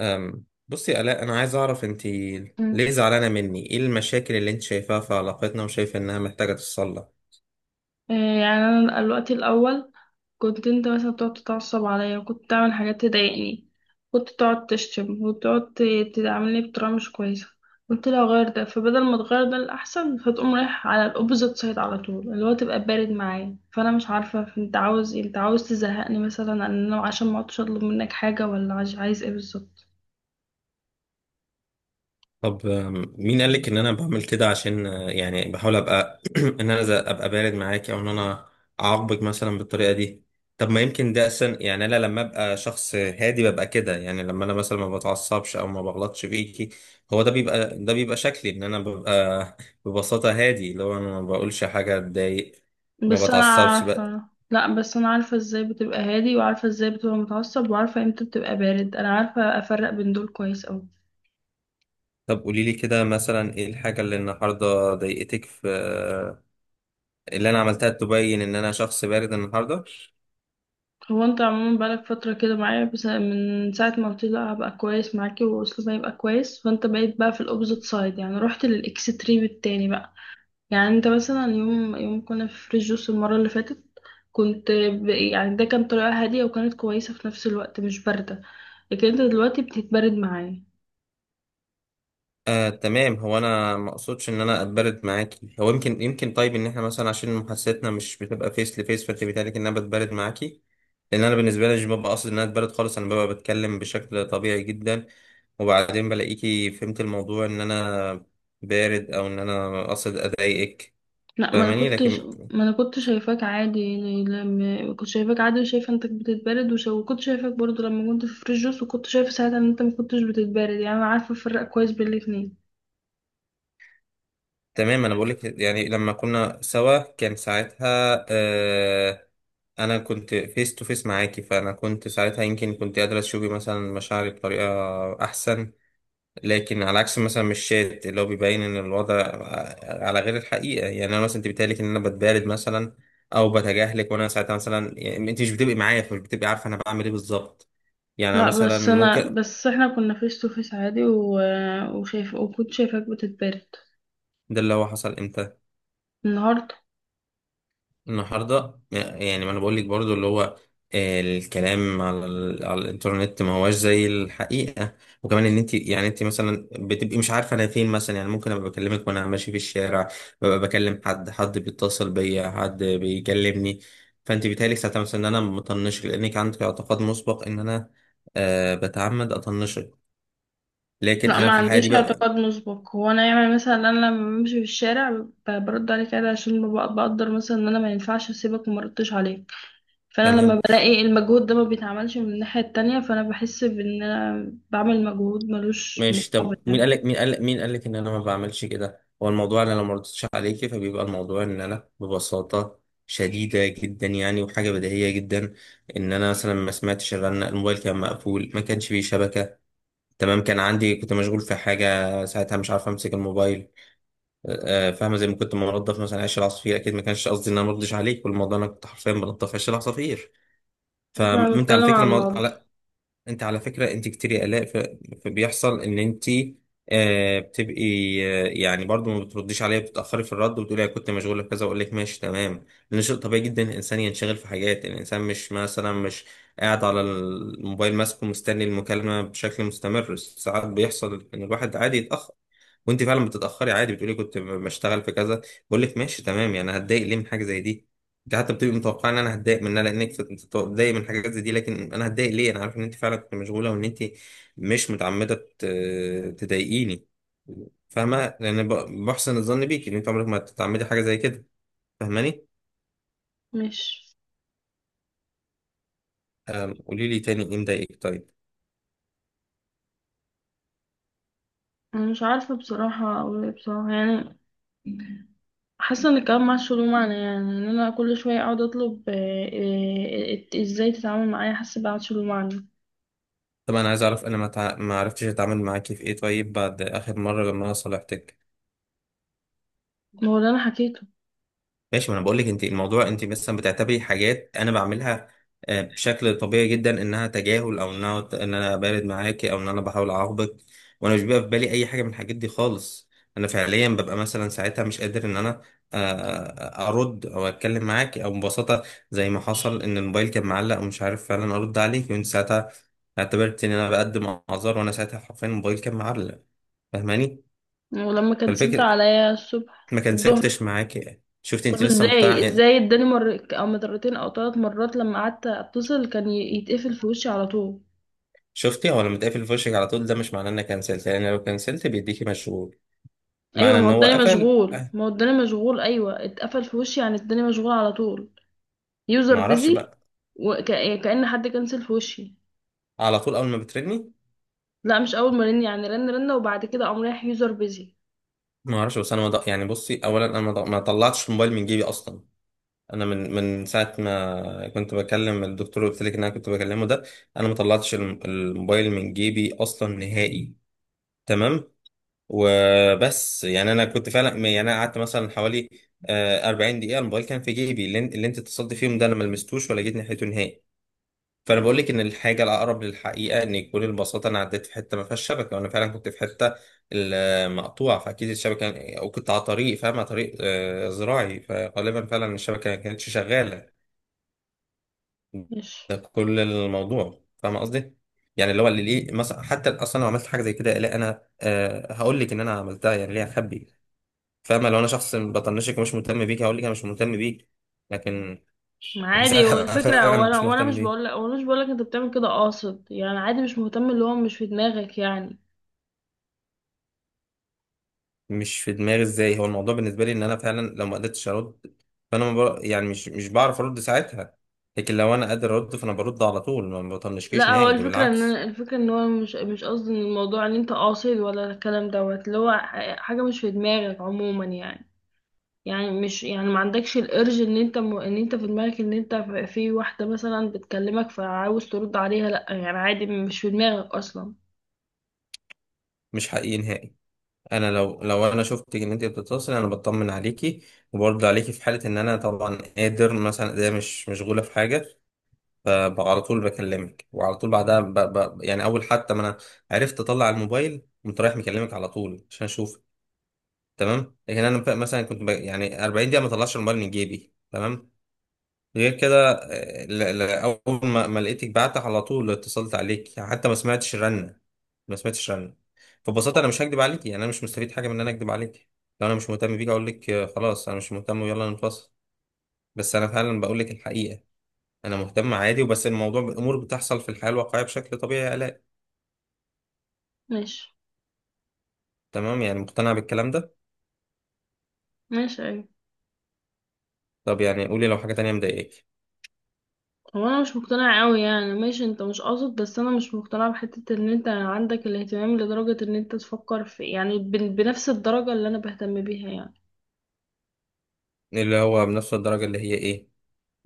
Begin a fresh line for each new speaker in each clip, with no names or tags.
بصي يا آلاء، أنا عايز أعرف أنت
مم.
ليه زعلانة مني؟ إيه المشاكل اللي أنت شايفاها في علاقتنا وشايفة إنها محتاجة تتصلح؟
إيه يعني انا الوقت الاول كنت انت مثلا بتقعد تتعصب عليا، وكنت تعمل حاجات تضايقني. كنت تقعد تشتم وتقعد تعاملني بطريقه مش كويسه. قلت لها غير ده، فبدل ما تغير ده الاحسن، فتقوم رايح على الاوبوزيت سايد على طول، اللي هو تبقى بارد معايا. فانا مش عارفه انت عاوز إيه؟ انت عاوز تزهقني مثلا، ان انا عشان ما اقعدش اطلب منك حاجه؟ ولا عايز ايه بالظبط؟
طب مين قالك إن أنا بعمل كده عشان يعني بحاول أبقى إن أنا أبقى بارد معاكي أو إن أنا أعاقبك مثلا بالطريقة دي؟ طب ما يمكن ده أصلا، يعني أنا لما أبقى شخص هادي ببقى كده، يعني لما أنا مثلا ما بتعصبش أو ما بغلطش فيكي هو ده بيبقى شكلي إن أنا ببقى ببساطة هادي، اللي هو أنا ما بقولش حاجة تضايق. ما
بس انا
بتعصبش.
عارفة. لا بس انا عارفة ازاي بتبقى هادي، وعارفة ازاي بتبقى متعصب، وعارفة امتى بتبقى بارد. انا عارفة افرق بين دول كويس اوي.
طب قولي لي كده مثلا ايه الحاجة اللي النهاردة ضايقتك في اللي انا عملتها تبين ان انا شخص بارد النهاردة.
هو انت عموما بقالك فترة كده معايا، بس من ساعة ما قلت لي لا هبقى كويس معاكي واسلوبي هيبقى كويس، فانت بقيت في الاوبزيت سايد، يعني رحت للاكستريم التاني بقى. يعني انت مثلا يوم كنا في فريش جوس المرة اللي فاتت، يعني ده كان طريقة هادية وكانت كويسة في نفس الوقت، مش باردة. لكن انت دلوقتي بتتبرد معايا.
تمام، هو انا ما اقصدش ان انا اتبرد معاكي، هو يمكن طيب ان احنا مثلا عشان محادثتنا مش بتبقى فيس لفيس، فانت بيتهيألك ان انا بتبرد معاكي. لان انا بالنسبة لي مش ببقى قاصد ان انا اتبرد خالص، انا ببقى بتكلم بشكل طبيعي جدا، وبعدين بلاقيكي فهمت الموضوع ان انا بارد او ان انا قاصد اضايقك.
لا، ما انا
فاهماني؟
كنت
لكن
ما انا كنت شايفاك عادي. يعني لما كنت شايفاك عادي وشايفه انك بتتبرد، وكنت شايفاك برضو لما كنت في فريش جوس، وكنت شايفه ساعتها ان انت ما كنتش بتتبرد. يعني انا عارفه افرق كويس بين الاتنين.
تمام، انا بقول لك، يعني لما كنا سوا كان ساعتها، انا كنت فيس تو فيس معاكي، فانا كنت ساعتها، يمكن كنت قادره تشوفي مثلا مشاعري بطريقه احسن. لكن على عكس مثلا، مش الشات اللي هو بيبين ان الوضع على غير الحقيقه، يعني انا مثلا انت بتقالك ان انا بتبارد مثلا او بتجاهلك، وانا ساعتها مثلا يعني انت مش بتبقي معايا فمش بتبقي عارفه انا بعمل ايه بالظبط. يعني أنا
لا،
مثلا ممكن.
بس احنا كنا فيس تو فيس عادي وشايف، وكنت شايفاك بتتبرد
ده اللي هو حصل امتى؟
النهارده.
النهارده؟ يعني ما انا بقول لك برضو، اللي هو الكلام على، على الانترنت ما هواش زي الحقيقه. وكمان ان انت، يعني انت مثلا بتبقي مش عارفه انا فين مثلا، يعني ممكن ابقى بكلمك وانا ماشي في الشارع، ببقى بكلم حد بيتصل بيا، حد بيكلمني، فانت بيتهيألك ساعتها مثلا ان انا مطنشك، لانك عندك اعتقاد مسبق ان انا أه بتعمد اطنشك. لكن
لا
انا
ما
في الحقيقه دي
عنديش
ببقى.
اعتقاد مسبق. هو انا يعني مثلا انا لما بمشي في الشارع برد عليك عادي، عشان بقدر مثلا ان انا ما ينفعش اسيبك وما ردتش عليك. فانا
تمام،
لما بلاقي المجهود ده ما بيتعملش من الناحية التانية، فانا بحس بان انا بعمل مجهود ملوش
ماشي.
مقابل
طب مين
يعني.
قال لك، مين قال لك ان انا ما بعملش كده؟ هو الموضوع انا لو ما ردتش عليكي فبيبقى الموضوع ان انا ببساطه شديده جدا، يعني وحاجه بديهيه جدا ان انا مثلا ما سمعتش الرنه، الموبايل كان مقفول، ما كانش فيه شبكه، تمام؟ كان عندي، كنت مشغول في حاجه ساعتها مش عارف امسك الموبايل. فاهمه؟ زي ما كنت منظف مثلا عيش العصافير، اكيد ما كانش قصدي ان انا ما ردش عليك، والموضوع انا كنت حرفيا بنظف عيش العصافير.
انا
فانت على
بتكلم
فكره،
عن الموضوع.
انت على فكرة انت كتير قلق فبيحصل ان انت آه بتبقي آه، يعني برضو ما بترديش عليا، بتتأخري في الرد وبتقولي انا كنت مشغولة بكذا، اقول لك ماشي تمام، لان شيء طبيعي جدا الانسان ينشغل في حاجات. يعني الانسان مش مثلا مش قاعد على الموبايل ماسكه مستني المكالمة بشكل مستمر، ساعات بيحصل ان الواحد عادي يتأخر. وانت فعلا بتتاخري عادي، بتقولي كنت بشتغل في كذا، بقول لك ماشي تمام، يعني هتضايق ليه من حاجه زي دي؟ انت حتى بتبقي متوقعه ان انا هتضايق منها لانك بتضايق من حاجات زي دي، لكن انا هتضايق ليه؟ انا عارف ان انت فعلا كنت مشغوله وان انت مش متعمده تضايقيني. فاهمه؟ لان بحسن الظن بيكي ان انت عمرك ما تتعمدي حاجه زي كده. فاهماني؟
مش
قولي لي تاني ايه مضايقك، طيب.
أنا مش عارفة بصراحة اقول ايه بصراحة يعني. حاسة ان الكلام معاش له معنى، يعني ان انا كل شوية اقعد اطلب ازاي تتعامل معايا. حاسة معاش له معنى.
طب انا عايز اعرف انا ما عرفتش اتعامل معاكي في ايه طيب بعد اخر مره لما انا صالحتك؟
ما هو اللي انا حكيته.
ماشي، ما انا بقول لك انت الموضوع، انت مثلا بتعتبري حاجات انا بعملها بشكل طبيعي جدا انها تجاهل، او انها ان انا بارد معاكي، او ان انا بحاول اعاقبك، وانا مش بيبقى في بالي اي حاجه من الحاجات دي خالص. انا فعليا ببقى مثلا ساعتها مش قادر ان انا ارد او اتكلم معاكي، او ببساطه زي ما حصل ان الموبايل كان معلق ومش عارف فعلا ارد عليك، وانت ساعتها اعتبرت ان انا بقدم اعذار، وانا ساعتها حرفيا الموبايل كان معلق. فاهماني؟
ولما كنسلت
فالفكره
عليا الصبح
ما كنسلتش
الظهر؟
معاكي، شفت؟
طب
انت لسه مقتنعه
ازاي،
يعني.
اداني مر او مرتين او ثلاث مرات لما قعدت اتصل كان يتقفل في وشي على طول.
شفتي هو لما تقفل في وشك على طول ده مش معناه انك كنسلت، لان لو كنسلت بيديكي مشغول،
ايوه،
معنى
ما
ان
هو
هو
الدنيا
قفل
مشغول
أه.
ما هو الدنيا مشغول ايوه، اتقفل في وشي يعني الدنيا مشغول على طول. يوزر
ما اعرفش
بيزي،
بقى،
وكأن حد كنسل في وشي.
على طول اول ما بترني.
لا مش اول ما رن، يعني رن رن وبعد كده قام رايح يوزر بيزي.
ما اعرفش، بس انا ما ض- يعني بصي، اولا انا ما طلعتش الموبايل من جيبي اصلا. انا من ساعه ما كنت بكلم الدكتور اللي قلت لك ان انا كنت بكلمه ده، انا ما طلعتش الموبايل من جيبي اصلا نهائي، تمام؟ وبس، يعني انا كنت فعلا، يعني انا قعدت مثلا حوالي 40 دقيقه الموبايل كان في جيبي، اللي انت اتصلت فيهم ده انا ما لمستوش ولا جيت ناحيته نهائي. فانا بقول لك ان الحاجه الاقرب للحقيقه ان يكون البساطه انا عديت في حته ما فيهاش شبكه، وانا فعلا كنت في حته المقطوعه، فاكيد الشبكه، او كنت على طريق، فاهم، على طريق زراعي، فغالبا فعلا الشبكه ما كانتش شغاله.
ماشي.
ده كل الموضوع، فاهم قصدي؟ يعني اللي هو، اللي ليه مثلا حتى اصلا لو عملت حاجه زي كده، لا انا هقول لك ان انا عملتها، يعني ليه اخبي؟ فاهمه؟ لو انا شخص بطنشك ومش مهتم بيك هقول لك انا مش مهتم بيك. لكن
ما
انا
عادي هو
ساعتها أبقى
الفكره،
فعلا
وانا
مش
وانا
مهتم
مش
بيك.
بقول لك وانا مش بقول لك انت بتعمل كده قاصد يعني. عادي مش مهتم، اللي هو مش في دماغك يعني.
مش في دماغي ازاي؟ هو الموضوع بالنسبه لي ان انا فعلا لو ما قدرتش ارد فانا ما بر... يعني مش بعرف ارد ساعتها، لكن لو انا قادر ارد فانا برد على طول، ما بطنشكيش
لا هو
نهائي، ده
الفكره،
بالعكس.
الفكره ان هو مش قصدي، ان الموضوع ان انت قاصد، ولا الكلام دوت، اللي هو حاجه مش في دماغك عموما يعني. يعني مش يعني ما عندكش الارج ان انت، ان انت في دماغك ان انت في واحدة مثلا بتكلمك فعاوز ترد عليها. لا يعني عادي مش في دماغك اصلا.
مش حقيقي نهائي. انا لو انا شفتك ان انت بتتصل انا بطمن عليكي وبرد عليكي في حاله ان انا طبعا قادر، مثلا ده مش مشغوله في حاجه، فعلى طول بكلمك، وعلى طول بعدها يعني اول حتى ما انا عرفت اطلع الموبايل قمت رايح مكلمك على طول عشان اشوف، تمام؟ لكن انا مثلا كنت يعني 40 دقيقه ما اطلعش الموبايل من جيبي، تمام؟ غير كده اول ما لقيتك بعت على طول اتصلت عليك، حتى ما سمعتش رنه، ما سمعتش رنه. فببساطه انا مش هكدب عليك، يعني انا مش مستفيد حاجه من ان انا اكدب عليك. لو انا مش مهتم بيك اقول لك خلاص انا مش مهتم ويلا نتواصل. بس انا فعلا بقول لك الحقيقه، انا مهتم عادي، وبس الموضوع امور بتحصل في الحياه الواقعيه بشكل طبيعي يا الاء.
ماشي.
تمام، يعني مقتنع بالكلام ده؟
ماشي ايوه.
طب يعني قولي لو حاجه تانية مضايقاك.
هو انا مش مقتنعة قوي، يعني ماشي انت مش قاصد، بس انا مش مقتنعة بحتة ان انت عندك الاهتمام لدرجة ان انت تفكر في، يعني بنفس الدرجة اللي انا بهتم بيها يعني.
اللي هو بنفس الدرجه اللي هي ايه؟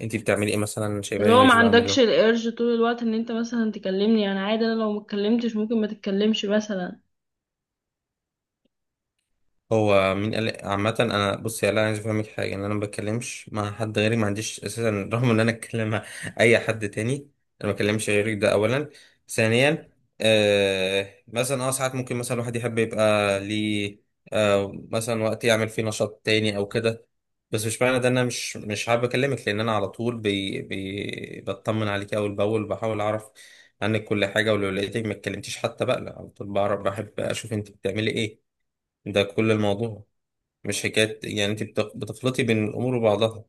انتي بتعملي ايه مثلا
اللي
شايفاني
هو ما
مش
عندكش
بعمله؟
الارج طول الوقت ان انت مثلا تكلمني. يعني عادي، انا لو ما اتكلمتش ممكن ما تتكلمش مثلا.
هو مين قال؟ عامة انا بصي، انا عايز افهمك حاجة، ان انا ما بتكلمش مع حد غيري، ما عنديش اساسا، رغم ان انا اتكلم مع اي حد تاني، انا ما بتكلمش غيرك، ده اولا. ثانيا، آه مثلا اه ساعات ممكن مثلا الواحد يحب يبقى ليه آه مثلا وقت يعمل فيه نشاط تاني او كده، بس مش معنى ده ان انا مش حابب اكلمك، لان انا على طول بي بي بطمن عليك اول باول، بحاول اعرف عنك كل حاجة، ولو لقيتك ما اتكلمتيش حتى بقى لا، على طول بعرف، بحب اشوف انت بتعملي ايه. ده كل الموضوع، مش حكاية. يعني انت بتخلطي بين الامور وبعضها.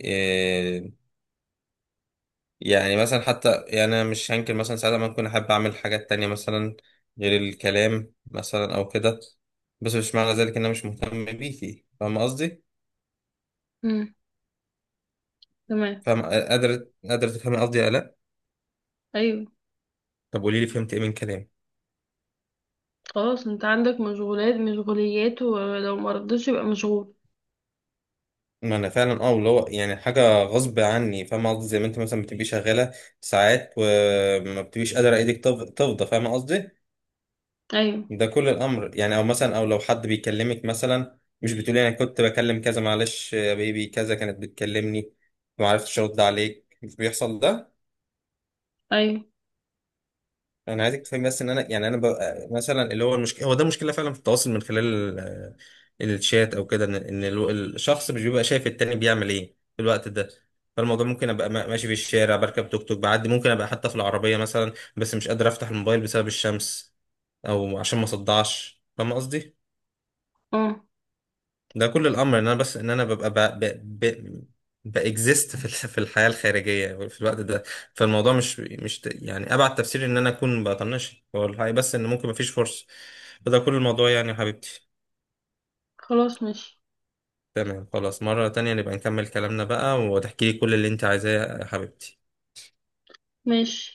إيه؟ يعني مثلا، حتى يعني انا مش هنكر مثلا ساعات ما كنت احب اعمل حاجات تانية مثلا غير الكلام مثلا او كده، بس مش معنى ذلك ان انا مش مهتم بيكي. فاهم قصدي؟
امم. تمام
فاهم؟ قادر، تفهمي قصدي ولا لا؟
ايوه.
طب قولي لي فهمت ايه من كلامي؟
خلاص انت عندك مشغولات مشغوليات، ولو مرضتش يبقى مشغول.
ما انا فعلا اه اللي هو يعني حاجه غصب عني، فاهمه قصدي؟ زي ما انت مثلا بتبقي شغاله ساعات وما بتبقيش قادره ايدك تفضى، فاهمه قصدي؟
ايوه.
ده كل الامر، يعني او مثلا او لو حد بيكلمك مثلا مش بتقولي انا كنت بكلم كذا معلش يا بيبي كذا كانت بتكلمني ما عرفتش ارد عليك، مش بيحصل ده.
ايوه
انا عايزك تفهمي بس ان انا، يعني انا ببقى مثلا اللي هو، المشكله هو ده مشكله فعلا في التواصل من خلال الشات او كده، ان الشخص مش بيبقى شايف التاني بيعمل ايه في الوقت ده. فالموضوع ممكن ابقى ماشي في الشارع، بركب توك توك بعدي، ممكن ابقى حتى في العربيه مثلا بس مش قادر افتح الموبايل بسبب الشمس، او عشان ما صدعش، فاهم قصدي؟
اه
ده كل الامر، ان انا بس ان انا ببقى ب... ب... ب... باكزيست في في الحياه الخارجيه في الوقت ده. فالموضوع مش يعني ابعد تفسير ان انا اكون بطنش هو الحقيقه، بس ان ممكن مفيش فرصه. فده كل الموضوع يعني يا حبيبتي.
خلاص. ماشي
تمام، خلاص. مره تانية نبقى نكمل كلامنا بقى وتحكي لي كل اللي انت عايزاه يا حبيبتي.
ماشي.